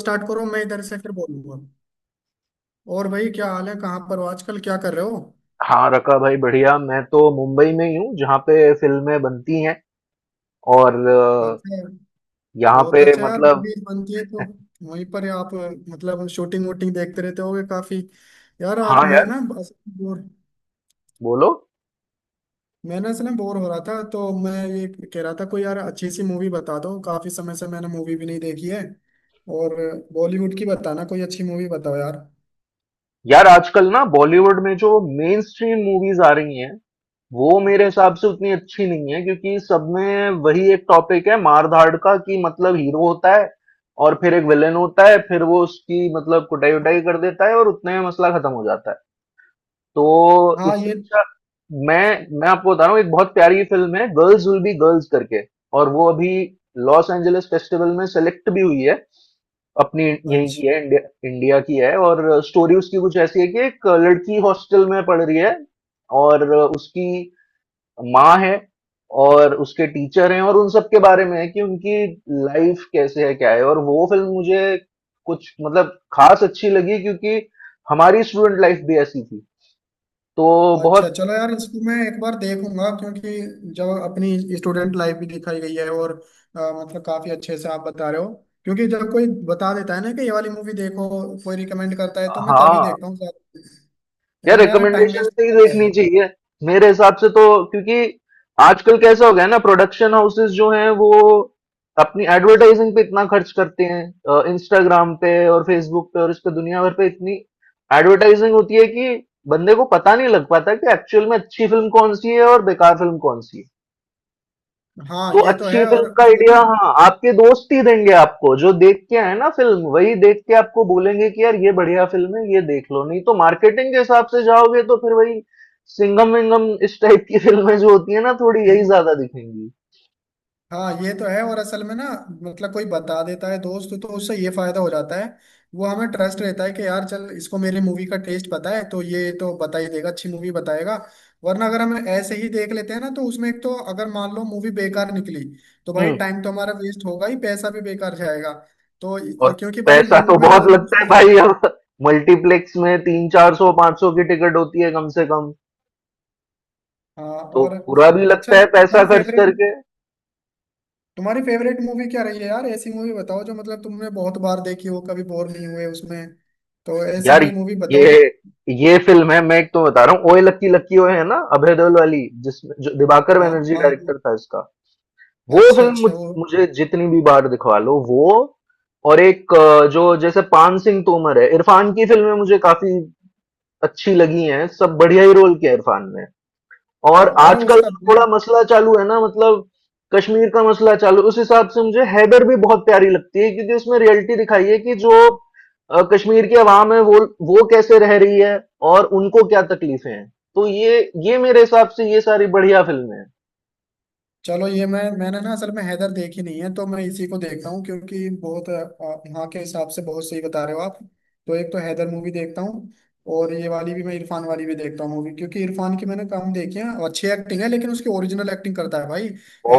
Start करो। मैं इधर से फिर बोलूंगा। और भाई, क्या हाल है? कहाँ पर हो? आजकल क्या कर रहे हो? हाँ, रका भाई बढ़िया। मैं तो मुंबई में ही हूँ जहाँ पे फ़िल्में बनती हैं। और अच्छा। यहाँ बहुत पे अच्छा यार, मतलब। मूवीज बनती है तो वहीं पर ही आप मतलब शूटिंग वूटिंग देखते रहते होगे काफी। यार हाँ आज मैं यार, ना बस बोर। बोलो। मैं ना असल में बोर हो रहा था तो मैं ये कह रहा था, कोई यार अच्छी सी मूवी बता दो, काफी समय से मैंने मूवी भी नहीं देखी है। और बॉलीवुड की बताना, कोई अच्छी मूवी बताओ यार। यार आजकल ना बॉलीवुड में जो मेनस्ट्रीम मूवीज़ आ रही हैं, वो मेरे हिसाब से उतनी अच्छी नहीं है, क्योंकि सब में वही एक टॉपिक है मार-धाड़ का कि मतलब हीरो होता है और फिर एक विलेन होता है, फिर वो उसकी मतलब कुटाई-वुटाई कर देता है और उतने में मसला खत्म हो जाता है। तो हाँ, इससे ये। अच्छा मैं मैं आपको बता रहा हूँ, एक बहुत प्यारी फिल्म है गर्ल्स विल बी गर्ल्स करके। और वो अभी लॉस एंजलिस फेस्टिवल में सेलेक्ट भी हुई है। अपनी यहीं अच्छा। की है, इंडिया। इंडिया की है, और स्टोरी उसकी कुछ ऐसी है कि एक लड़की हॉस्टल में पढ़ रही है, और उसकी माँ है, और उसके टीचर हैं, और उन सब के बारे में है कि उनकी लाइफ कैसे है, क्या है। और वो फिल्म मुझे कुछ मतलब खास अच्छी लगी क्योंकि हमारी स्टूडेंट लाइफ भी ऐसी थी। तो अच्छा, बहुत। चलो यार, इसको मैं एक बार देखूंगा क्योंकि जब अपनी स्टूडेंट लाइफ भी दिखाई गई है, और मतलब काफी अच्छे से आप बता रहे हो क्योंकि जब कोई बता देता है ना कि ये वाली मूवी देखो, कोई रिकमेंड करता है तो मैं तभी हाँ, देखता हूँ। यार वरना यार टाइम रिकमेंडेशन वेस्ट से ही होता देखनी है। चाहिए मेरे हिसाब से तो। क्योंकि आजकल कैसा हो गया है ना, प्रोडक्शन हाउसेस जो हैं वो अपनी एडवर्टाइजिंग पे इतना खर्च करते हैं, इंस्टाग्राम पे और फेसबुक पे और इस पे दुनिया भर पे इतनी एडवर्टाइजिंग होती है कि बंदे को पता नहीं लग पाता कि एक्चुअल में अच्छी फिल्म कौन सी है और बेकार फिल्म कौन सी है। हाँ, तो ये तो अच्छी है। फिल्म और का उसमें आइडिया हाँ आपके दोस्त ही देंगे, आपको जो देख के आए ना फिल्म वही देख के आपको बोलेंगे कि यार ये बढ़िया फिल्म है, ये देख लो। नहीं तो मार्केटिंग के हिसाब से जाओगे तो फिर वही सिंगम विंगम इस टाइप की फिल्में जो होती है ना थोड़ी ना। यही ज्यादा दिखेंगी। हाँ, ये तो है। और असल में ना, मतलब कोई बता देता है दोस्त, तो उससे ये फायदा हो जाता है। वो हमें ट्रस्ट रहता है कि यार, चल इसको मेरी मूवी का टेस्ट पता है तो ये तो बता ही देगा, अच्छी मूवी बताएगा। वरना अगर हम ऐसे ही देख लेते हैं ना, तो उसमें एक तो अगर मान लो मूवी बेकार निकली, तो भाई हम्म। टाइम तो हमारा वेस्ट होगा ही, पैसा भी बेकार जाएगा। तो और और क्योंकि भाई पैसा तो मूवी में बहुत रोज। लगता है भाई अब। मल्टीप्लेक्स में तीन चार सौ पांच सौ की टिकट होती है कम से कम। हाँ, तो और। बुरा भी अच्छा, लगता है पैसा तुम्हारी खर्च फेवरेट करके। तुम्हारी फेवरेट मूवी क्या रही है यार? ऐसी मूवी बताओ जो मतलब तुमने बहुत बार देखी हो, कभी बोर नहीं हुए उसमें। तो ऐसी यार कोई मूवी बताओ। ये ये फिल्म है, मैं एक तो बता रहा हूँ, ओए लक्की लक्की ओए, है ना, अभय देओल वाली, जिसमें जो दिवाकर हाँ, बनर्जी हाँ, हाँ। डायरेक्टर था इसका। वो अच्छा, फिल्म अच्छा, वो। मुझे जितनी भी बार दिखवा लो वो। और एक जो जैसे पान सिंह तोमर है, इरफान की फिल्में मुझे काफी अच्छी लगी हैं। सब बढ़िया ही रोल किया इरफान ने। हाँ, और अरे आजकल उसका। जो थोड़ा मसला चालू है ना, मतलब कश्मीर का मसला चालू, उस हिसाब से मुझे हैदर भी बहुत प्यारी लगती है, क्योंकि उसमें रियलिटी दिखाई है कि जो कश्मीर की आवाम है, वो कैसे रह रही है और उनको क्या तकलीफें हैं। तो ये मेरे हिसाब से ये सारी बढ़िया फिल्में हैं। चलो, ये मैंने ना असल में हैदर देखी नहीं है, तो मैं इसी को देखता हूँ क्योंकि बहुत यहाँ के हिसाब से बहुत सही बता रहे हो आप। तो एक तो हैदर मूवी देखता हूँ, और ये वाली भी मैं, इरफान वाली भी देखता हूँ मूवी, क्योंकि इरफान की मैंने कम देखी है, अच्छी एक्टिंग है लेकिन उसकी ओरिजिनल एक्टिंग करता है भाई।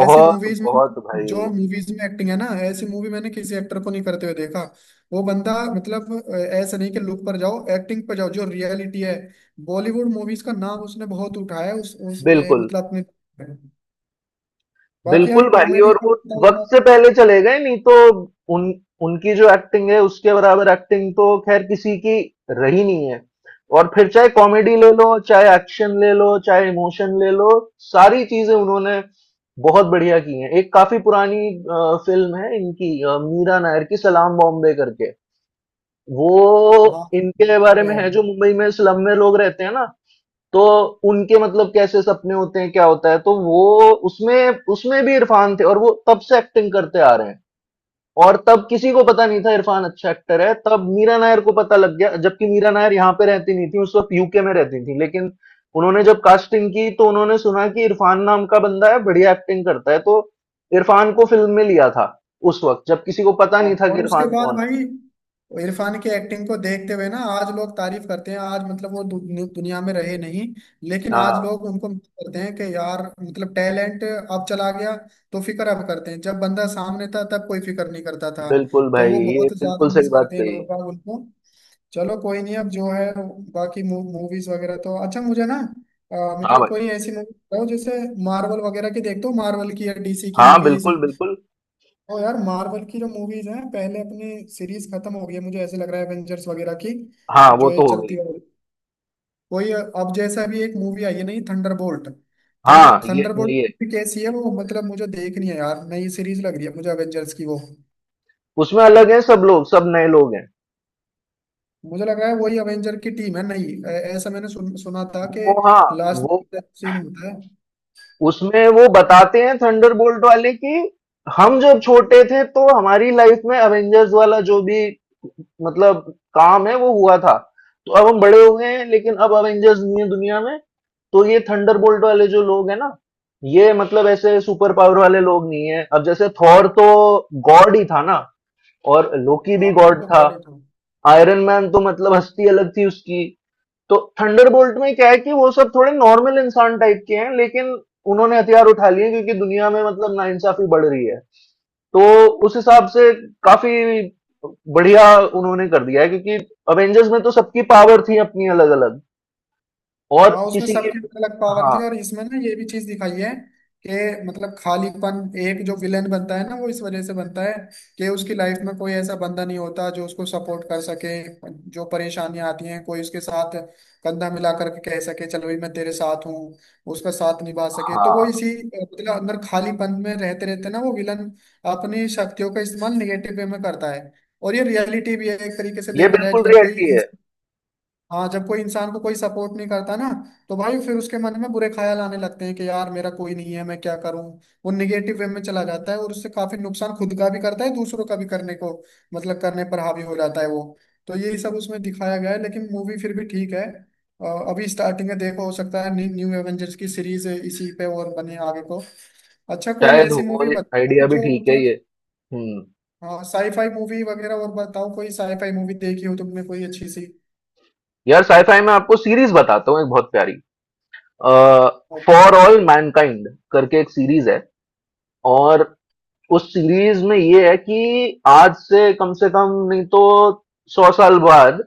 ऐसी मूवीज में, बहुत जो भाई। मूवीज में एक्टिंग है ना, ऐसी मूवी मैंने किसी एक्टर को नहीं करते हुए देखा। वो बंदा मतलब ऐसा नहीं कि लुक पर जाओ, एक्टिंग पर जाओ जो रियलिटी है। बॉलीवुड मूवीज का नाम उसने बहुत उठाया है, बिल्कुल मतलब अपने। बाकी यार बिल्कुल भाई। कॉमेडी और का वो तो पता ही है। वक्त से पहले चले गए, नहीं तो उन उनकी जो एक्टिंग है उसके बराबर एक्टिंग तो खैर किसी की रही नहीं है। और फिर चाहे कॉमेडी ले लो, चाहे एक्शन ले लो, चाहे इमोशन ले लो, सारी चीजें उन्होंने बहुत बढ़िया की हैं। एक काफी पुरानी फिल्म है इनकी, मीरा नायर की सलाम बॉम्बे करके। हाँ। वो इनके यूट्यूब बारे पे में है। है जो मुंबई में स्लम में लोग रहते हैं ना, तो उनके मतलब कैसे सपने होते हैं, क्या होता है। तो वो उसमें उसमें भी इरफान थे, और वो तब से एक्टिंग करते आ रहे हैं। और तब किसी को पता नहीं था इरफान अच्छा एक्टर है, तब मीरा नायर को पता लग गया, जबकि मीरा नायर यहाँ पे रहती नहीं थी उस वक्त, यूके में रहती थी। लेकिन उन्होंने जब कास्टिंग की तो उन्होंने सुना कि इरफान नाम का बंदा है, बढ़िया एक्टिंग करता है, तो इरफान को फिल्म में लिया था उस वक्त, जब किसी को पता हाँ, नहीं था कि और उसके इरफान बाद कौन भाई इरफान की एक्टिंग को देखते हुए ना आज लोग तारीफ करते हैं। आज मतलब वो दुनिया में रहे नहीं, लेकिन है। आज हाँ। लोग उनको मिस करते हैं कि यार मतलब टैलेंट अब चला गया। तो फिक्र अब करते हैं, जब बंदा सामने था तब कोई फिक्र नहीं करता था। बिल्कुल तो भाई, वो ये बहुत ज्यादा बिल्कुल सही मिस बात करते हैं कही। लोग बाग उनको। चलो कोई नहीं, अब जो है, बाकी मूवीज वगैरह तो, अच्छा मुझे ना हाँ मतलब भाई। कोई ऐसी मूवी बताओ, जैसे मार्वल वगैरह की देखते हो? मार्वल की या डीसी की हाँ मूवीज? बिल्कुल बिल्कुल। तो यार मार्वल की जो मूवीज हैं, पहले अपनी सीरीज खत्म हो गई है मुझे ऐसे लग रहा है, एवेंजर्स वगैरह की। हाँ जो वो ये तो हो गई। चलती है कोई, अब जैसा भी एक मूवी आई है नहीं, थंडरबोल्ट। थंडर हाँ ये थंडरबोल्ट ये। कैसी है वो, मतलब मुझे देखनी है यार, नई सीरीज लग रही है मुझे एवेंजर्स की वो। उसमें अलग है सब लोग, सब नए लोग हैं। मुझे लगा है वही अवेंजर की टीम है, नहीं? ऐसा मैंने सुना था कि वो, हाँ, लास्ट वो में सीन होता है। उसमें वो बताते हैं थंडरबोल्ट वाले कि हम जब छोटे थे तो हमारी लाइफ में अवेंजर्स वाला जो भी मतलब काम है वो हुआ था। तो अब हम बड़े हो गए हैं, लेकिन अब अवेंजर्स नहीं है दुनिया में, तो ये थंडरबोल्ट वाले जो लोग हैं ना, ये मतलब ऐसे सुपर पावर वाले लोग नहीं है। अब जैसे थॉर तो गॉड ही था ना, और लोकी भी हाँ, वो गॉड तो था। गॉड ही था। आयरन मैन तो मतलब हस्ती अलग थी उसकी। तो थंडरबोल्ट में क्या है कि वो सब थोड़े नॉर्मल इंसान टाइप के हैं, लेकिन उन्होंने हथियार उठा लिए क्योंकि दुनिया में मतलब नाइंसाफी बढ़ रही है। तो उस हिसाब से काफी बढ़िया उन्होंने कर दिया है, क्योंकि अवेंजर्स में तो सबकी पावर थी अपनी अलग अलग। और हाँ, उसमें किसी की। सबकी अलग अलग पावर हाँ थी, और इसमें ना ये भी चीज दिखाई है कि मतलब खालीपन, एक जो विलेन बनता है ना वो इस वजह से बनता है कि उसकी लाइफ में कोई ऐसा बंदा नहीं होता जो उसको सपोर्ट कर सके, जो परेशानियां आती हैं कोई उसके साथ कंधा मिला करके कह सके चलो भाई मैं तेरे साथ हूँ, उसका साथ निभा सके। तो वो हाँ, इसी मतलब अंदर खालीपन में रहते रहते ना, वो विलन अपनी शक्तियों का इस्तेमाल निगेटिव वे में करता है। और ये रियलिटी भी है, एक तरीके से ये देखा जाए बिल्कुल जब कोई। रियलिटी है। हाँ, जब कोई इंसान को कोई सपोर्ट नहीं करता ना, तो भाई फिर उसके मन में बुरे ख्याल आने लगते हैं कि यार मेरा कोई नहीं है, मैं क्या करूं। वो निगेटिव वे में चला जाता है, और उससे काफी नुकसान खुद का भी करता है, दूसरों का भी करने को मतलब करने पर हावी हो जाता है वो। तो यही सब उसमें दिखाया गया है, लेकिन मूवी फिर भी ठीक है। अ, अभी स्टार्टिंग है, देखो हो सकता है न्यू न्यू एवेंजर्स की सीरीज इसी पे और बने आगे को। अच्छा, कोई शायद ऐसी हो। मूवी बता आइडिया भी जो ठीक है मतलब। ये। हम्म। हाँ, साईफाई मूवी वगैरह और बताओ, कोई साईफाई मूवी देखी हो तुमने कोई अच्छी सी? यार साईफाई में आपको सीरीज बताता हूँ एक बहुत प्यारी, फॉर ऑल मैनकाइंड करके एक सीरीज है। और उस सीरीज में ये है कि आज से कम नहीं तो 100 साल बाद,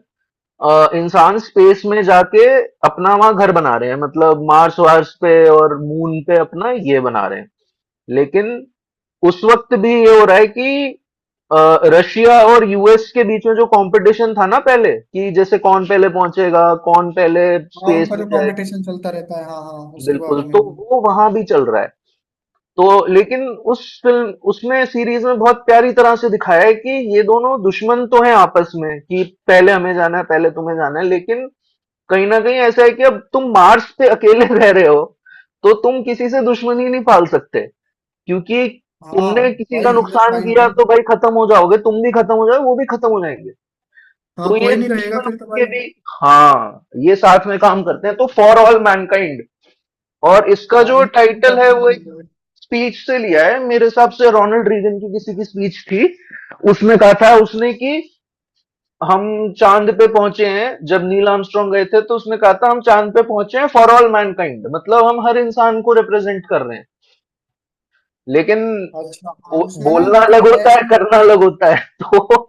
इंसान स्पेस में जाके अपना वहां घर बना रहे हैं, मतलब मार्स वार्स पे और मून पे अपना ये बना रहे हैं। लेकिन उस वक्त भी ये हो रहा है कि अ, रशिया और यूएस के बीच में जो कंपटीशन था ना पहले, कि जैसे कौन पहले पहुंचेगा, कौन पहले हाँ, स्पेस उनका में जो जाए, कंपटीशन चलता रहता है, हाँ हाँ उसके बिल्कुल, बारे में। तो वो वहां भी चल रहा है। तो लेकिन उस फिल्म, उसमें सीरीज में बहुत प्यारी तरह से दिखाया है कि ये दोनों दुश्मन तो हैं आपस में, कि पहले हमें जाना है, पहले तुम्हें जाना है, लेकिन कहीं ना कहीं ऐसा है कि अब तुम मार्स पे अकेले रह रहे हो, तो तुम किसी से दुश्मनी नहीं पाल सकते। क्योंकि हाँ तुमने किसी भाई, का ह्यूमन नुकसान काइंड है। किया तो भाई खत्म हो जाओगे, तुम भी खत्म हो जाओगे, वो भी खत्म हो जाएंगे। हाँ, तो ये कोई नहीं रहेगा दुश्मन फिर तो के भाई। भी, हाँ, ये साथ में काम करते हैं, तो फॉर ऑल मैनकाइंड। और इसका हाँ, जो इन। टाइटल है वो एक स्पीच से लिया है, मेरे हिसाब से रोनाल्ड रीगन की किसी की स्पीच थी। उसमें कहा था उसने कि हम चांद पे पहुंचे हैं, जब नील आर्मस्ट्रांग गए थे तो उसने कहा था हम चांद पे पहुंचे हैं फॉर ऑल मैनकाइंड, मतलब हम हर इंसान को रिप्रेजेंट कर रहे हैं। लेकिन अच्छा, हाँ उसमें ना बोलना अलग मतलब होता है, ऐसी। करना अलग होता है। तो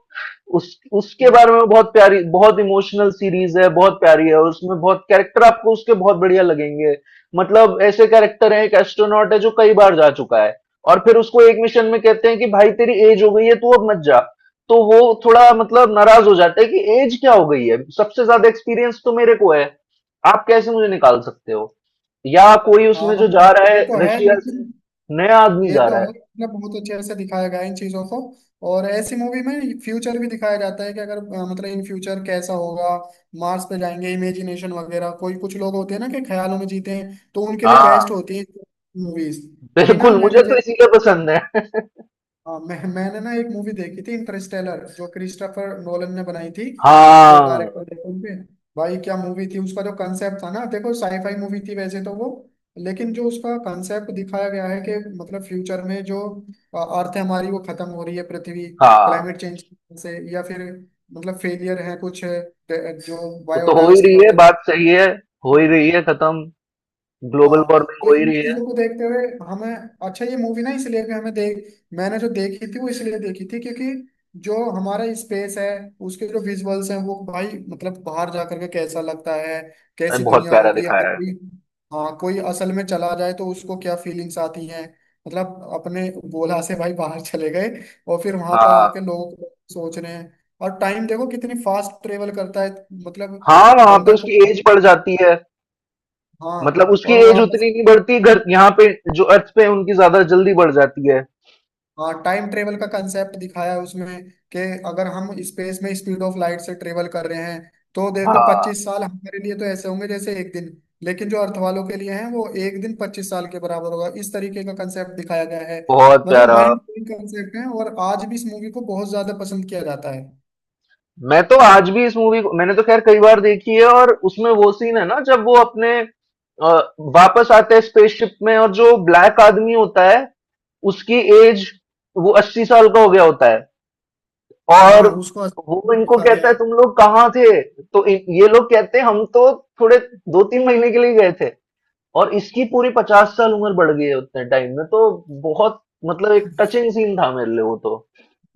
उस उसके हाँ। बारे में बहुत प्यारी, बहुत इमोशनल सीरीज है, बहुत प्यारी है। और उसमें बहुत कैरेक्टर आपको उसके बहुत बढ़िया लगेंगे। मतलब ऐसे कैरेक्टर है, एक एस्ट्रोनॉट है जो कई बार जा चुका है, और फिर उसको एक मिशन में कहते हैं कि भाई तेरी एज हो गई है, तू अब मत जा। तो वो थोड़ा मतलब नाराज हो जाता है कि एज क्या हो गई है, सबसे ज्यादा एक्सपीरियंस तो मेरे को है, आप कैसे मुझे निकाल सकते हो। या कोई उसमें हाँ जो भाई, जा रहा ये है तो है रशिया से, लेकिन। नया आदमी ये जा तो रहा है, है। मतलब बहुत अच्छे से दिखाया गया है इन चीजों को। और ऐसी मूवी में फ्यूचर भी दिखाया जाता है कि अगर मतलब इन फ्यूचर कैसा होगा, मार्स पे जाएंगे इमेजिनेशन वगैरह, कोई कुछ लोग होते हैं ना कि ख्यालों में जीते हैं, तो उनके लिए बेस्ट हाँ होती है मूवीज। अभी ना बिल्कुल, मुझे मैंने। तो इसीलिए पसंद है। हाँ, मैंने ना एक मूवी देखी थी इंटरस्टेलर, जो क्रिस्टोफर नोलन ने बनाई थी, जो हाँ। डायरेक्टर थे उनके। भाई क्या मूवी थी! उसका जो कंसेप्ट था ना, देखो साईफाई मूवी थी वैसे तो वो, लेकिन जो उसका कंसेप्ट दिखाया गया है कि मतलब फ्यूचर में जो अर्थ हमारी वो खत्म हो रही है पृथ्वी, हाँ क्लाइमेट चेंज से, या फिर मतलब फेलियर है कुछ जो वो तो हो ही बायोडाइवर्सिटी रही है, वगैरह। बात सही है। हो ही तो। रही है खत्म, ग्लोबल हाँ। वार्मिंग तो हो ही इन रही है। चीजों को देखते हुए हमें, अच्छा ये मूवी ना इसलिए भी हमें देख, मैंने जो देखी थी वो इसलिए देखी थी क्योंकि जो हमारा स्पेस है, उसके जो विजुअल्स हैं वो भाई, मतलब बाहर जा करके कैसा लगता है, अरे कैसी बहुत दुनिया प्यारा होगी अगर दिखाया है। कोई। हाँ, कोई असल में चला जाए तो उसको क्या फीलिंग्स आती हैं, मतलब अपने गोला से भाई बाहर चले गए और फिर वहां पर आके हाँ। लोग सोच रहे हैं, और टाइम देखो कितनी फास्ट ट्रेवल करता है, मतलब हाँ वहां पे बंदा को। उसकी एज बढ़ जाती है, मतलब हाँ, उसकी और वो एज वापस। उतनी नहीं बढ़ती घर यहाँ पे, जो अर्थ पे उनकी ज्यादा जल्दी बढ़ जाती है। हाँ, टाइम ट्रेवल का कंसेप्ट दिखाया है उसमें कि अगर हम स्पेस में स्पीड ऑफ लाइट से ट्रेवल कर रहे हैं, तो देखो हाँ। 25 साल हमारे लिए तो ऐसे होंगे जैसे एक दिन, लेकिन जो अर्थ वालों के लिए हैं वो एक दिन 25 साल के बराबर होगा, इस तरीके का कंसेप्ट दिखाया गया है। बहुत मतलब प्यारा। माइंड ब्लोइंग कंसेप्ट है, और आज भी इस मूवी को बहुत ज्यादा पसंद किया जाता है। मैं तो आज भी इस मूवी को, मैंने तो खैर कई बार देखी है, और उसमें वो सीन है ना जब वो अपने अ, वापस आते हैं स्पेसशिप में, और जो ब्लैक आदमी होता है उसकी एज, वो 80 साल का हो गया होता है। और हाँ, उसको वो इनको दिखा दिया कहता है है। तुम लोग कहाँ थे, तो ये लोग कहते हैं हम तो थोड़े 2-3 महीने के लिए गए थे, और इसकी पूरी 50 साल उम्र बढ़ गई है उतने टाइम में। तो बहुत मतलब एक टचिंग सीन था मेरे लिए वो तो।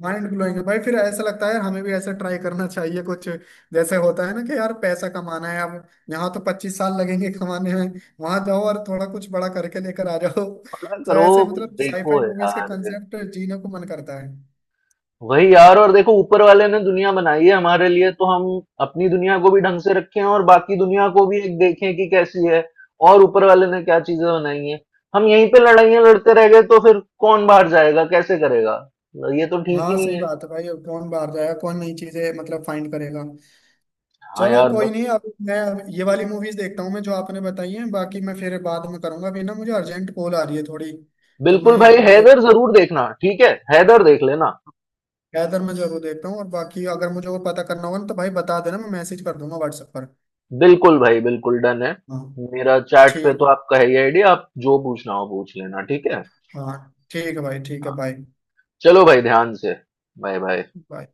माइंड ब्लोइंग है भाई, फिर ऐसा लगता है यार हमें भी ऐसा ट्राई करना चाहिए कुछ, जैसे होता है ना कि यार पैसा कमाना है अब, यहाँ तो 25 साल लगेंगे कमाने में, वहां जाओ और थोड़ा कुछ बड़ा करके लेकर आ जाओ। पता तो करो ऐसे कुछ मतलब साईफाई देखो मूवीज के यार, कंसेप्ट जीने को मन करता है। वही यार। और देखो ऊपर वाले ने दुनिया बनाई है हमारे लिए, तो हम अपनी दुनिया को भी ढंग से रखें और बाकी दुनिया को भी एक देखें कि कैसी है, और ऊपर वाले ने क्या चीजें बनाई हैं। हम यहीं पे लड़ाइयां लड़ते रह गए तो फिर कौन बाहर जाएगा, कैसे करेगा। ये तो ठीक ही हाँ नहीं सही है। बात है भाई, अब कौन बाहर जाएगा? कौन नई चीजें मतलब फाइंड करेगा? हाँ चलो यार कोई बस। नहीं, अब मैं ये वाली मूवीज देखता हूँ मैं, जो आपने बताई है, बाकी मैं फिर बाद में करूंगा, अभी ना मुझे अर्जेंट कॉल आ रही है थोड़ी। तो बिल्कुल मैं भाई, मुझे हैदर जरूर देखना, ठीक है, हैदर देख लेना। ज्यादातर मैं जरूर देखता हूँ, और बाकी अगर मुझे और पता करना होगा ना तो भाई बता देना, मैं मैसेज कर दूंगा व्हाट्सएप पर। बिल्कुल भाई, बिल्कुल डन है। हाँ मेरा चैट पे ठीक तो है, आपका है ही आईडी, आप जो पूछना हो पूछ लेना, ठीक है। हाँ ठीक है भाई, ठीक है हाँ। बाय, चलो भाई ध्यान से। Bye bye. बाय।